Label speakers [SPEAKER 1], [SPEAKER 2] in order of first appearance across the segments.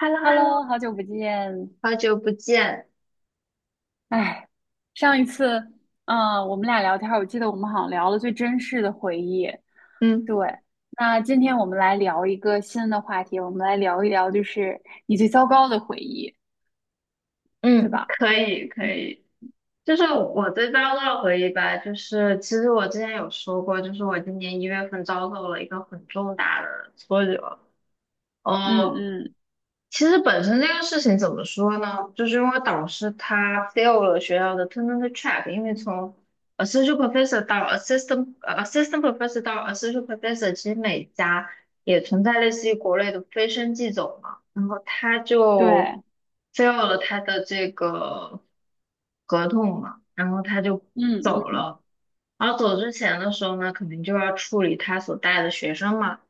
[SPEAKER 1] h e l l o h e l l
[SPEAKER 2] Hello，好
[SPEAKER 1] o
[SPEAKER 2] 久不见。
[SPEAKER 1] 好久不见。
[SPEAKER 2] 哎，上一次，我们俩聊天儿我记得我们好像聊了最真实的回忆。
[SPEAKER 1] 嗯，
[SPEAKER 2] 对，那今天我们来聊一个新的话题，我们来聊一聊，你最糟糕的回忆，对
[SPEAKER 1] 嗯
[SPEAKER 2] 吧？
[SPEAKER 1] 可以，可以。就是我对遭受的回忆吧，就是其实我之前有说过，就是我今年一月份遭受了一个很重大的挫折。
[SPEAKER 2] 嗯
[SPEAKER 1] 呃，
[SPEAKER 2] 嗯，
[SPEAKER 1] 其实本身这个事情怎么说呢？就是因为导师他 fail 了学校的 tenure track，因为从 a s s o c i a t professor 到 assistant professor 到 associate professor,其实每家也存在类似于国内的飞升即走嘛，然后他就
[SPEAKER 2] 对。
[SPEAKER 1] fail 了他的这个合同嘛，然后他就
[SPEAKER 2] 嗯
[SPEAKER 1] 走
[SPEAKER 2] 嗯
[SPEAKER 1] 了。然后走之前的时候呢，肯定就要处理他所带的学生嘛。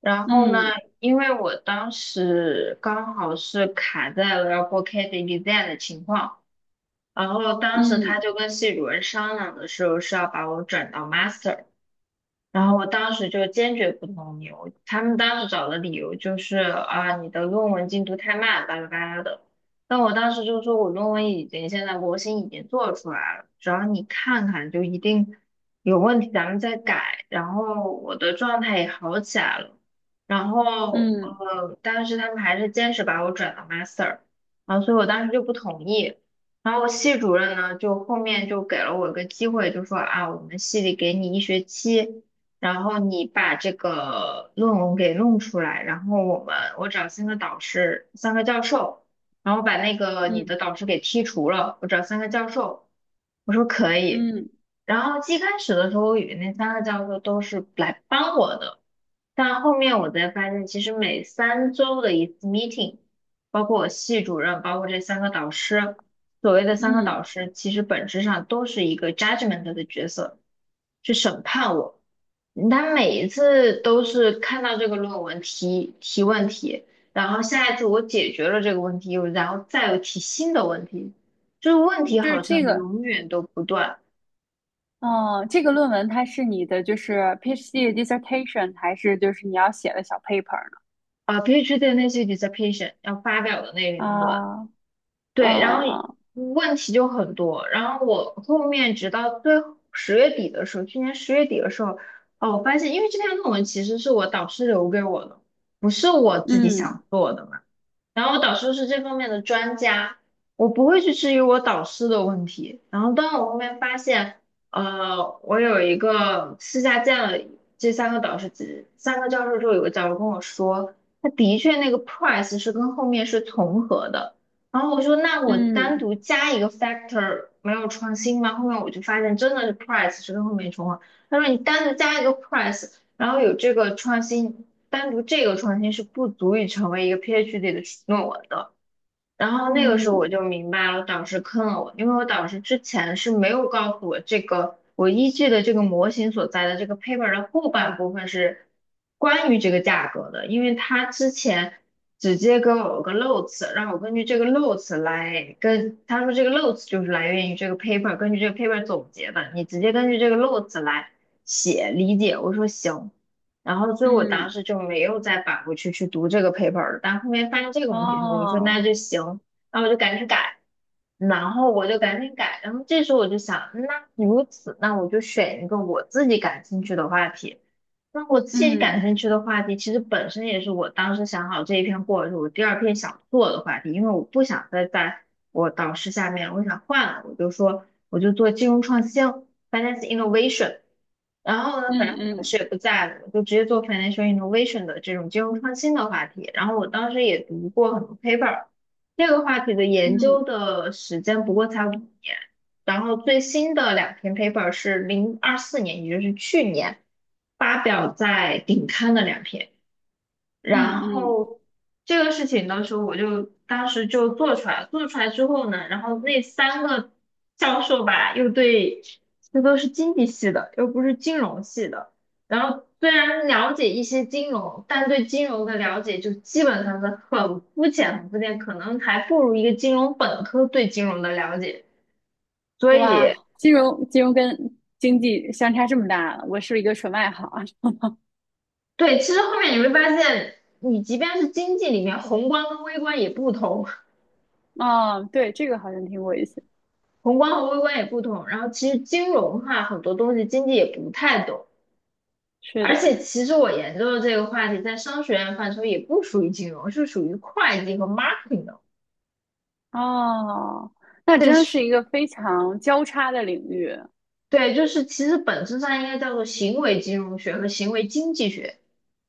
[SPEAKER 1] 然后呢，
[SPEAKER 2] 嗯
[SPEAKER 1] 因为我当时刚好是卡在了要过 CAD exam 的情况，然后当时
[SPEAKER 2] 嗯
[SPEAKER 1] 他就跟系主任商量的时候是要把我转到 master。然后我当时就坚决不同意，我他们当时找的理由就是啊，你的论文进度太慢，巴拉巴拉的。但我当时就说，我论文已经现在模型已经做出来了，只要你看看就一定有问题，咱们再改。然后我的状态也好起来了，然后
[SPEAKER 2] 嗯
[SPEAKER 1] 但是他们还是坚持把我转到 master,然后所以我当时就不同意。然后系主任呢，就后面就给了我一个机会，就说啊，我们系里给你一学期。然后你把这个论文给弄出来，然后我找三个导师，三个教授，然后把那个你的
[SPEAKER 2] 嗯
[SPEAKER 1] 导师给剔除了，我找三个教授，我说可以，
[SPEAKER 2] 嗯。
[SPEAKER 1] 然后最开始的时候，我以那三个教授都是来帮我的，但后面我才发现，其实每三周的一次 meeting,包括我系主任，包括这三个导师，所谓的三个
[SPEAKER 2] 嗯，
[SPEAKER 1] 导师，其实本质上都是一个 judgment 的角色，去审判我。他每一次都是看到这个论文提问题，然后下一次我解决了这个问题，又然后再有提新的问题，就是问题
[SPEAKER 2] 就是
[SPEAKER 1] 好像
[SPEAKER 2] 这个，
[SPEAKER 1] 永远都不断。
[SPEAKER 2] 嗯，这个论文它是你的就是 PhD dissertation，还是就是你要写的小 paper 呢？
[SPEAKER 1] 啊 PhD 的那些 dissertation 要发表的那个
[SPEAKER 2] 啊
[SPEAKER 1] 论文，
[SPEAKER 2] 啊
[SPEAKER 1] 对，然后
[SPEAKER 2] 啊！嗯
[SPEAKER 1] 问题就很多。然后我后面直到最十月底的时候，去年十月底的时候，哦，我发现，因为这篇论文其实是我导师留给我的，不是我自己
[SPEAKER 2] 嗯
[SPEAKER 1] 想做的嘛。然后我导师是这方面的专家，我不会去质疑我导师的问题。然后当我后面发现，我有一个私下见了这三个导师，这三个教授之后，有个教授跟我说，他的确那个 price 是跟后面是重合的。然后我说，那我单
[SPEAKER 2] 嗯
[SPEAKER 1] 独加一个 factor 没有创新吗？后面我就发现真的是 price 是跟后面重合。他说你单独加一个 price,然后有这个创新。单独这个创新是不足以成为一个 PhD 的论文的。然后那个时候我
[SPEAKER 2] 嗯
[SPEAKER 1] 就明白了，导师坑了我，因为我导师之前是没有告诉我这个我依据的这个模型所在的这个 paper 的后半部分是关于这个价格的，因为他之前直接给我个 notes,让我根据这个 notes 来跟他说这个 notes 就是来源于这个 paper,根据这个 paper 总结的，你直接根据这个 notes 来写理解。我说行。然后所以我当
[SPEAKER 2] 嗯。
[SPEAKER 1] 时就没有再返回去读这个 paper 了。但后面发现这个问题之后，我说那
[SPEAKER 2] 哦。
[SPEAKER 1] 就行，那我就赶紧改，然后我就赶紧改。然后这时候我就想，那如此，那我就选一个我自己感兴趣的话题。那我自己感
[SPEAKER 2] 嗯
[SPEAKER 1] 兴趣的话题，其实本身也是我当时想好这一篇过后，是我第二篇想做的话题，因为我不想再在我导师下面，我想换了，我就说我就做金融创新。finance innovation。然后呢，
[SPEAKER 2] 嗯
[SPEAKER 1] 反正我老师
[SPEAKER 2] 嗯
[SPEAKER 1] 也不在了，我就直接做 financial innovation 的这种金融创新的话题。然后我当时也读过很多 paper,这个话题的研究
[SPEAKER 2] 嗯
[SPEAKER 1] 的时间不过才5年。然后最新的两篇 paper 是2024年，也就是去年发表在顶刊的两篇。
[SPEAKER 2] 嗯
[SPEAKER 1] 然
[SPEAKER 2] 嗯。
[SPEAKER 1] 后这个事情的时候，我就当时就做出来了，做出来之后呢，然后那三个教授吧，又对，这都是经济系的，又不是金融系的。然后虽然了解一些金融，但对金融的了解就基本上是很肤浅，很肤浅，可能还不如一个金融本科对金融的了解。所
[SPEAKER 2] 哇，
[SPEAKER 1] 以，
[SPEAKER 2] 金融跟经济相差这么大，我是一个纯外行。
[SPEAKER 1] 对，其实后面你会发现，你即便是经济里面，宏观跟微观也不同。
[SPEAKER 2] 啊？哦，对，这个好像听过一次。
[SPEAKER 1] 宏观和微观也不同。然后其实金融哈很多东西经济也不太懂。
[SPEAKER 2] 是
[SPEAKER 1] 而
[SPEAKER 2] 的。
[SPEAKER 1] 且其实我研究的这个话题，在商学院范畴也不属于金融，是属于会计和 marketing 的。
[SPEAKER 2] 哦，那
[SPEAKER 1] 这
[SPEAKER 2] 真的是
[SPEAKER 1] 是
[SPEAKER 2] 一个非常交叉的领域。
[SPEAKER 1] 对，就是其实本质上应该叫做行为金融学和行为经济学。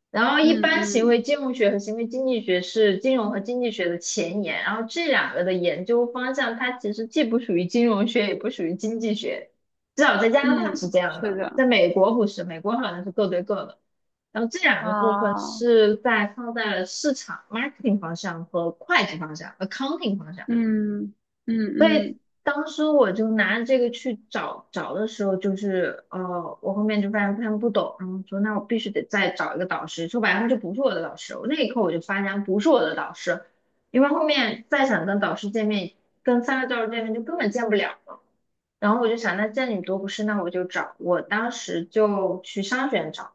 [SPEAKER 1] 然后一
[SPEAKER 2] 嗯
[SPEAKER 1] 般行
[SPEAKER 2] 嗯
[SPEAKER 1] 为金融学和行为经济学是金融和经济学的前沿，然后这两个的研究方向，它其实既不属于金融学，也不属于经济学，至少在加拿大
[SPEAKER 2] 嗯。
[SPEAKER 1] 是这样
[SPEAKER 2] 是
[SPEAKER 1] 的，
[SPEAKER 2] 的。
[SPEAKER 1] 在美国不是，美国好像是各对各的。然后这两个部分
[SPEAKER 2] 啊、
[SPEAKER 1] 是在放在了市场 marketing 方向和会计方向 accounting 方向。
[SPEAKER 2] 嗯
[SPEAKER 1] 所
[SPEAKER 2] 嗯
[SPEAKER 1] 以
[SPEAKER 2] 嗯
[SPEAKER 1] 当时我就拿着这个去找找的时候，就是我后面就发现他们不懂，然后说那我必须得再找一个导师。说白了，他就不是我的导师。那一刻我就发现不是我的导师，因为后面再想跟导师见面，跟三个教授见面就根本见不了了。然后我就想，那见你多不是，那我就找。我当时就去商学院找，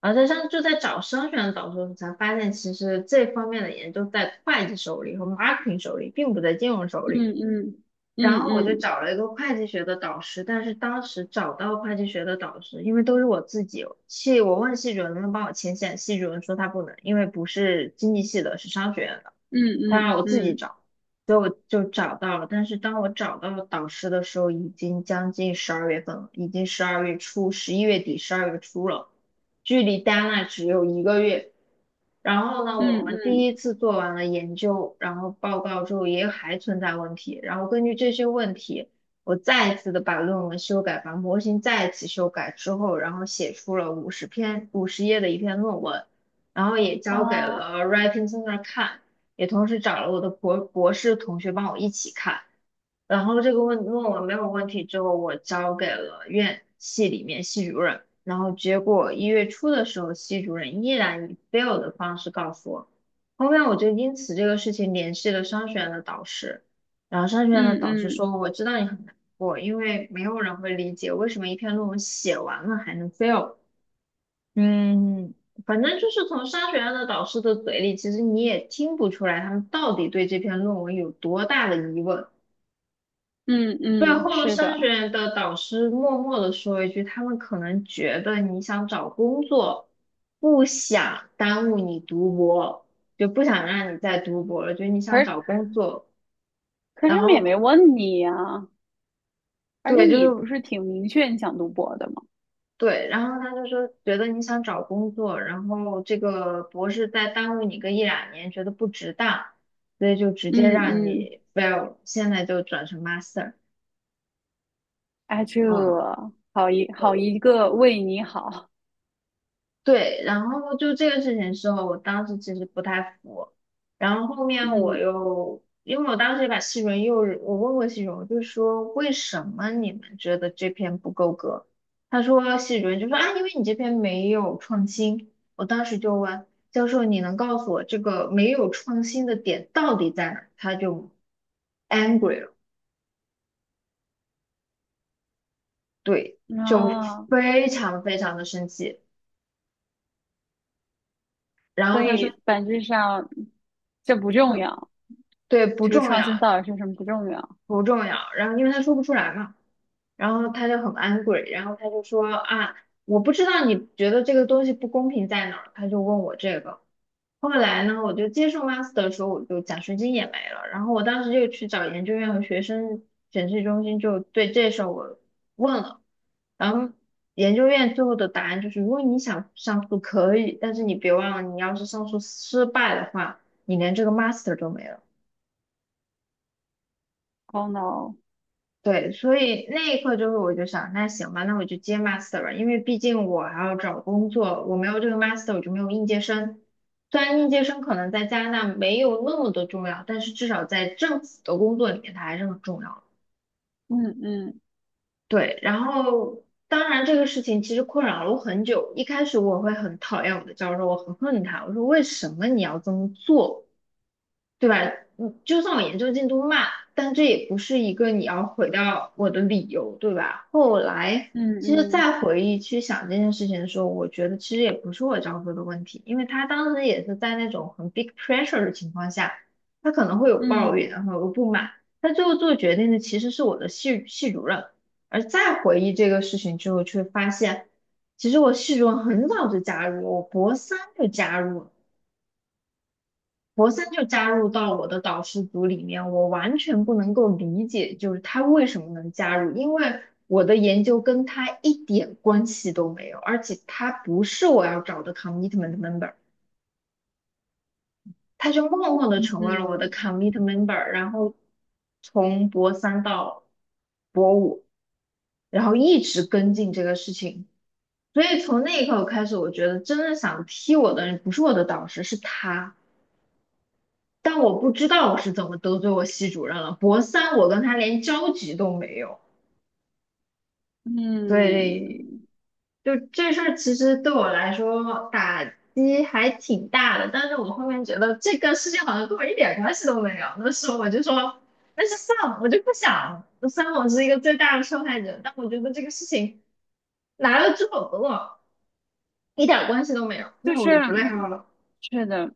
[SPEAKER 1] 然后在上就在找商学院的导师的时候，才发现其实这方面的研究在会计手里和 marketing 手里，并不在金融手里。
[SPEAKER 2] 嗯嗯
[SPEAKER 1] 然
[SPEAKER 2] 嗯
[SPEAKER 1] 后我就
[SPEAKER 2] 嗯
[SPEAKER 1] 找了一个会计学的导师，但是当时找到会计学的导师，因为都是我自己，系我问系主任能不能帮我牵线，系主任说他不能，因为不是经济系的，是商学院的。
[SPEAKER 2] 嗯
[SPEAKER 1] 当
[SPEAKER 2] 嗯
[SPEAKER 1] 然我自己
[SPEAKER 2] 嗯嗯
[SPEAKER 1] 找，所以我就找到了。但是当我找到了导师的时候，已经将近十二月份了，已经十二月初，十一月底，十二月初了。距离 Deane 只有一个月。然后呢，
[SPEAKER 2] 嗯
[SPEAKER 1] 我
[SPEAKER 2] 嗯
[SPEAKER 1] 们第
[SPEAKER 2] 嗯。
[SPEAKER 1] 一次做完了研究，然后报告之后也还存在问题，然后根据这些问题，我再一次的把论文修改，把模型再一次修改之后，然后写出了五十篇五十页的一篇论文，然后也交给
[SPEAKER 2] 啊，
[SPEAKER 1] 了 Writing Center 看，也同时找了我的博士同学帮我一起看。然后这个论文没有问题之后，我交给了院系里面系主任，然后结果一月初的时候，系主任依然以 fail 的方式告诉我。后面我就因此这个事情联系了商学院的导师，然后商学院的
[SPEAKER 2] 嗯
[SPEAKER 1] 导师
[SPEAKER 2] 嗯
[SPEAKER 1] 说："我知道你很难过，因为没有人会理解为什么一篇论文写完了还能 fail。" 嗯，反正就是从商学院的导师的嘴里，其实你也听不出来他们到底对这篇论文有多大的疑问。
[SPEAKER 2] 嗯
[SPEAKER 1] 最
[SPEAKER 2] 嗯。
[SPEAKER 1] 后
[SPEAKER 2] 是
[SPEAKER 1] 商学
[SPEAKER 2] 的。
[SPEAKER 1] 院的导师默默的说一句，他们可能觉得你想找工作，不想耽误你读博，就不想让你再读博了，觉得你
[SPEAKER 2] 可
[SPEAKER 1] 想
[SPEAKER 2] 是
[SPEAKER 1] 找工作，
[SPEAKER 2] 可是他
[SPEAKER 1] 然
[SPEAKER 2] 们也没
[SPEAKER 1] 后
[SPEAKER 2] 问你呀、而且
[SPEAKER 1] 对，就
[SPEAKER 2] 你不
[SPEAKER 1] 是
[SPEAKER 2] 是挺明确你想读博的吗？
[SPEAKER 1] 对，然后他就说觉得你想找工作，然后这个博士再耽误你个一两年，觉得不值当，所以就直接
[SPEAKER 2] 嗯
[SPEAKER 1] 让
[SPEAKER 2] 嗯，
[SPEAKER 1] 你 fail,现在就转成 master,
[SPEAKER 2] 哎，这
[SPEAKER 1] 嗯。
[SPEAKER 2] 好一好一个为你好。
[SPEAKER 1] 对，然后就这个事情时候，我当时其实不太服，然后后面我
[SPEAKER 2] 嗯
[SPEAKER 1] 又，因为我当时也把西荣又，我问过西荣，我就说为什么你们觉得这篇不够格？他说西荣就说啊，因为你这篇没有创新。我当时就问教授，你能告诉我这个没有创新的点到底在哪？他就 angry 了，对，就
[SPEAKER 2] 啊，
[SPEAKER 1] 非常非常的生气。然后
[SPEAKER 2] 所
[SPEAKER 1] 他说，
[SPEAKER 2] 以本质上这不重
[SPEAKER 1] 对，
[SPEAKER 2] 要，
[SPEAKER 1] 对不
[SPEAKER 2] 这个
[SPEAKER 1] 重
[SPEAKER 2] 创新
[SPEAKER 1] 要，
[SPEAKER 2] 到底是什么不重要。
[SPEAKER 1] 不重要。然后因为他说不出来嘛，然后他就很 angry,然后他就说啊，我不知道你觉得这个东西不公平在哪儿，他就问我这个。后来呢，我就接受 master 的时候，我就奖学金也没了。然后我当时就去找研究院和学生审计中心，就对这事儿我问了。然后研究院最后的答案就是，如果你想上诉可以，但是你别忘了，你要是上诉失败的话，你连这个 master 都没了。
[SPEAKER 2] Oh no。
[SPEAKER 1] 对，所以那一刻就是我就想，那行吧，那我就接 master 吧，因为毕竟我还要找工作，我没有这个 master 我就没有应届生。虽然应届生可能在加拿大没有那么的重要，但是至少在政府的工作里面它还是很重要的。
[SPEAKER 2] 嗯嗯
[SPEAKER 1] 对，然后当然这个事情其实困扰了我很久，一开始我会很讨厌我的教授，我很恨他，我说为什么你要这么做？对吧？就算我研究进度慢，但这也不是一个你要毁掉我的理由，对吧？后来
[SPEAKER 2] 嗯
[SPEAKER 1] 其实
[SPEAKER 2] 嗯
[SPEAKER 1] 再回忆去想这件事情的时候，我觉得其实也不是我教授的问题，因为他当时也是在那种很 big pressure 的情况下，他可能会有抱
[SPEAKER 2] 嗯
[SPEAKER 1] 怨，然后有不满，他最后做决定的其实是我的系主任。而再回忆这个事情之后，却发现其实我系主任很早就加入，我博三就加入，博森就加入到我的导师组里面，我完全不能够理解，就是他为什么能加入，因为我的研究跟他一点关系都没有，而且他不是我要找的 commitment member,他就默默的成为了我的
[SPEAKER 2] 嗯
[SPEAKER 1] commitment member,然后从博三到博五，然后一直跟进这个事情，所以从那一刻开始，我觉得真正想踢我的人不是我的导师，是他。但我不知道我是怎么得罪我系主任了。博三我跟他连交集都没有，所以
[SPEAKER 2] 嗯。
[SPEAKER 1] 就这事儿其实对我来说打击还挺大的。但是我后面觉得这个事情好像跟我一点关系都没有，那时候我就说，那就算了，我就不想。虽然我是一个最大的受害者，但我觉得这个事情来了之后和我一点关系都没有，
[SPEAKER 2] 就
[SPEAKER 1] 那我
[SPEAKER 2] 是
[SPEAKER 1] 就不内耗了。
[SPEAKER 2] 是的，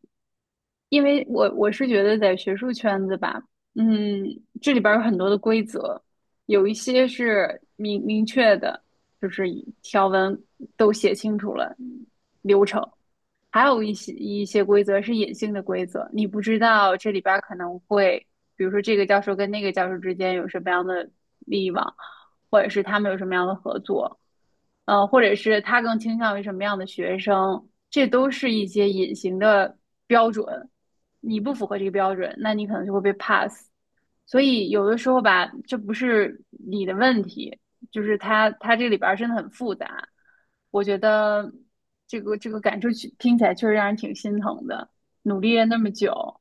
[SPEAKER 2] 因为我是觉得在学术圈子吧，嗯，这里边儿有很多的规则，有一些是明明确的，就是条文都写清楚了流程，还有一些规则是隐性的规则，你不知道这里边儿可能会，比如说这个教授跟那个教授之间有什么样的利益网，或者是他们有什么样的合作，或者是他更倾向于什么样的学生，这都是一些隐形的标准。你不符合这个标准，那你可能就会被 pass。所以有的时候吧，这不是你的问题，就是它这里边儿真的很复杂。我觉得这个感受去听起来确实让人挺心疼的，努力了那么久，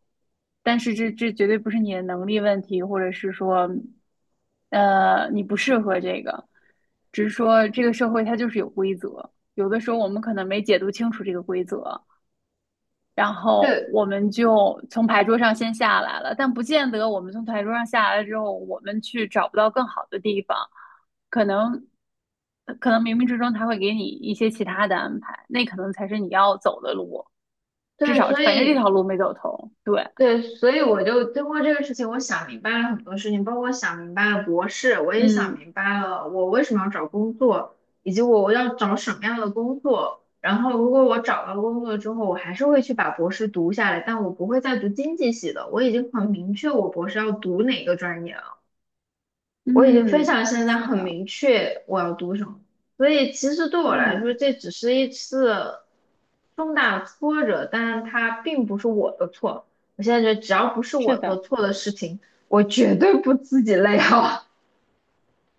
[SPEAKER 2] 但是这绝对不是你的能力问题，或者是说，你不适合这个，只是说这个社会它就是有规则，有的时候我们可能没解读清楚这个规则，然后
[SPEAKER 1] 对
[SPEAKER 2] 我们就从牌桌上先下来了，但不见得我们从牌桌上下来了之后，我们去找不到更好的地方，可能可能冥冥之中他会给你一些其他的安排，那可能才是你要走的路，至
[SPEAKER 1] 对，
[SPEAKER 2] 少
[SPEAKER 1] 所
[SPEAKER 2] 反正这
[SPEAKER 1] 以
[SPEAKER 2] 条路没走通。对。
[SPEAKER 1] 对，所以我就通过这个事情，我想明白了很多事情，包括想明白了博士，我也想
[SPEAKER 2] 嗯
[SPEAKER 1] 明白了我为什么要找工作，以及我要找什么样的工作。然后，如果我找到工作之后，我还是会去把博士读下来，但我不会再读经济系的。我已经很明确我博士要读哪个专业了。我已经非
[SPEAKER 2] 嗯，
[SPEAKER 1] 常现在
[SPEAKER 2] 是
[SPEAKER 1] 很
[SPEAKER 2] 的。
[SPEAKER 1] 明确我要读什么，所以其实对我来说，
[SPEAKER 2] 嗯
[SPEAKER 1] 这只是一次重大挫折，但是它并不是我的错。我现在觉得，只要不是
[SPEAKER 2] 是
[SPEAKER 1] 我的
[SPEAKER 2] 的。
[SPEAKER 1] 错的事情，我绝对不自己内耗。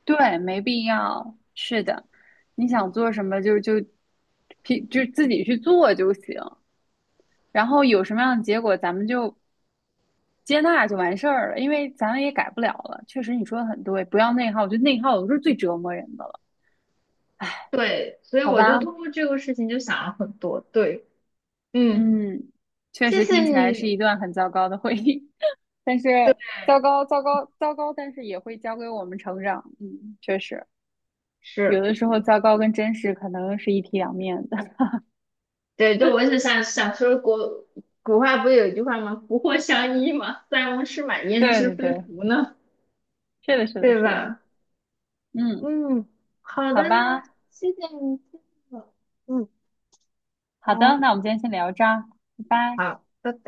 [SPEAKER 2] 对，没必要，是的，你想做什么，就自己去做就行，然后有什么样的结果咱们就。接纳就完事儿了，因为咱也改不了了。确实，你说的很对，不要内耗，我觉得内耗有时候是最折磨人的了。
[SPEAKER 1] 对，所以
[SPEAKER 2] 好
[SPEAKER 1] 我就
[SPEAKER 2] 吧？
[SPEAKER 1] 通过这个事情就想了很多。对，嗯，
[SPEAKER 2] 嗯，确
[SPEAKER 1] 谢
[SPEAKER 2] 实
[SPEAKER 1] 谢
[SPEAKER 2] 听起来是
[SPEAKER 1] 你。
[SPEAKER 2] 一段很糟糕的回忆，但是
[SPEAKER 1] 对，
[SPEAKER 2] 糟糕，糟糕，糟糕，但是也会教给我们成长。嗯，确实，有
[SPEAKER 1] 是，
[SPEAKER 2] 的时候糟糕跟真实可能是一体两面的。
[SPEAKER 1] 对，就我是想想说国古话不是有一句话吗？福祸相依嘛，塞翁失马焉
[SPEAKER 2] 对
[SPEAKER 1] 知
[SPEAKER 2] 对
[SPEAKER 1] 非
[SPEAKER 2] 对，
[SPEAKER 1] 福呢，
[SPEAKER 2] 是的，是的，
[SPEAKER 1] 对
[SPEAKER 2] 是的。
[SPEAKER 1] 吧？
[SPEAKER 2] 嗯，
[SPEAKER 1] 嗯，好的
[SPEAKER 2] 好
[SPEAKER 1] 呢，
[SPEAKER 2] 吧，
[SPEAKER 1] 谢谢你，谢谢我嗯，
[SPEAKER 2] 好的，
[SPEAKER 1] 好，
[SPEAKER 2] 那我们今天先聊这儿，拜拜。
[SPEAKER 1] 好，拜拜。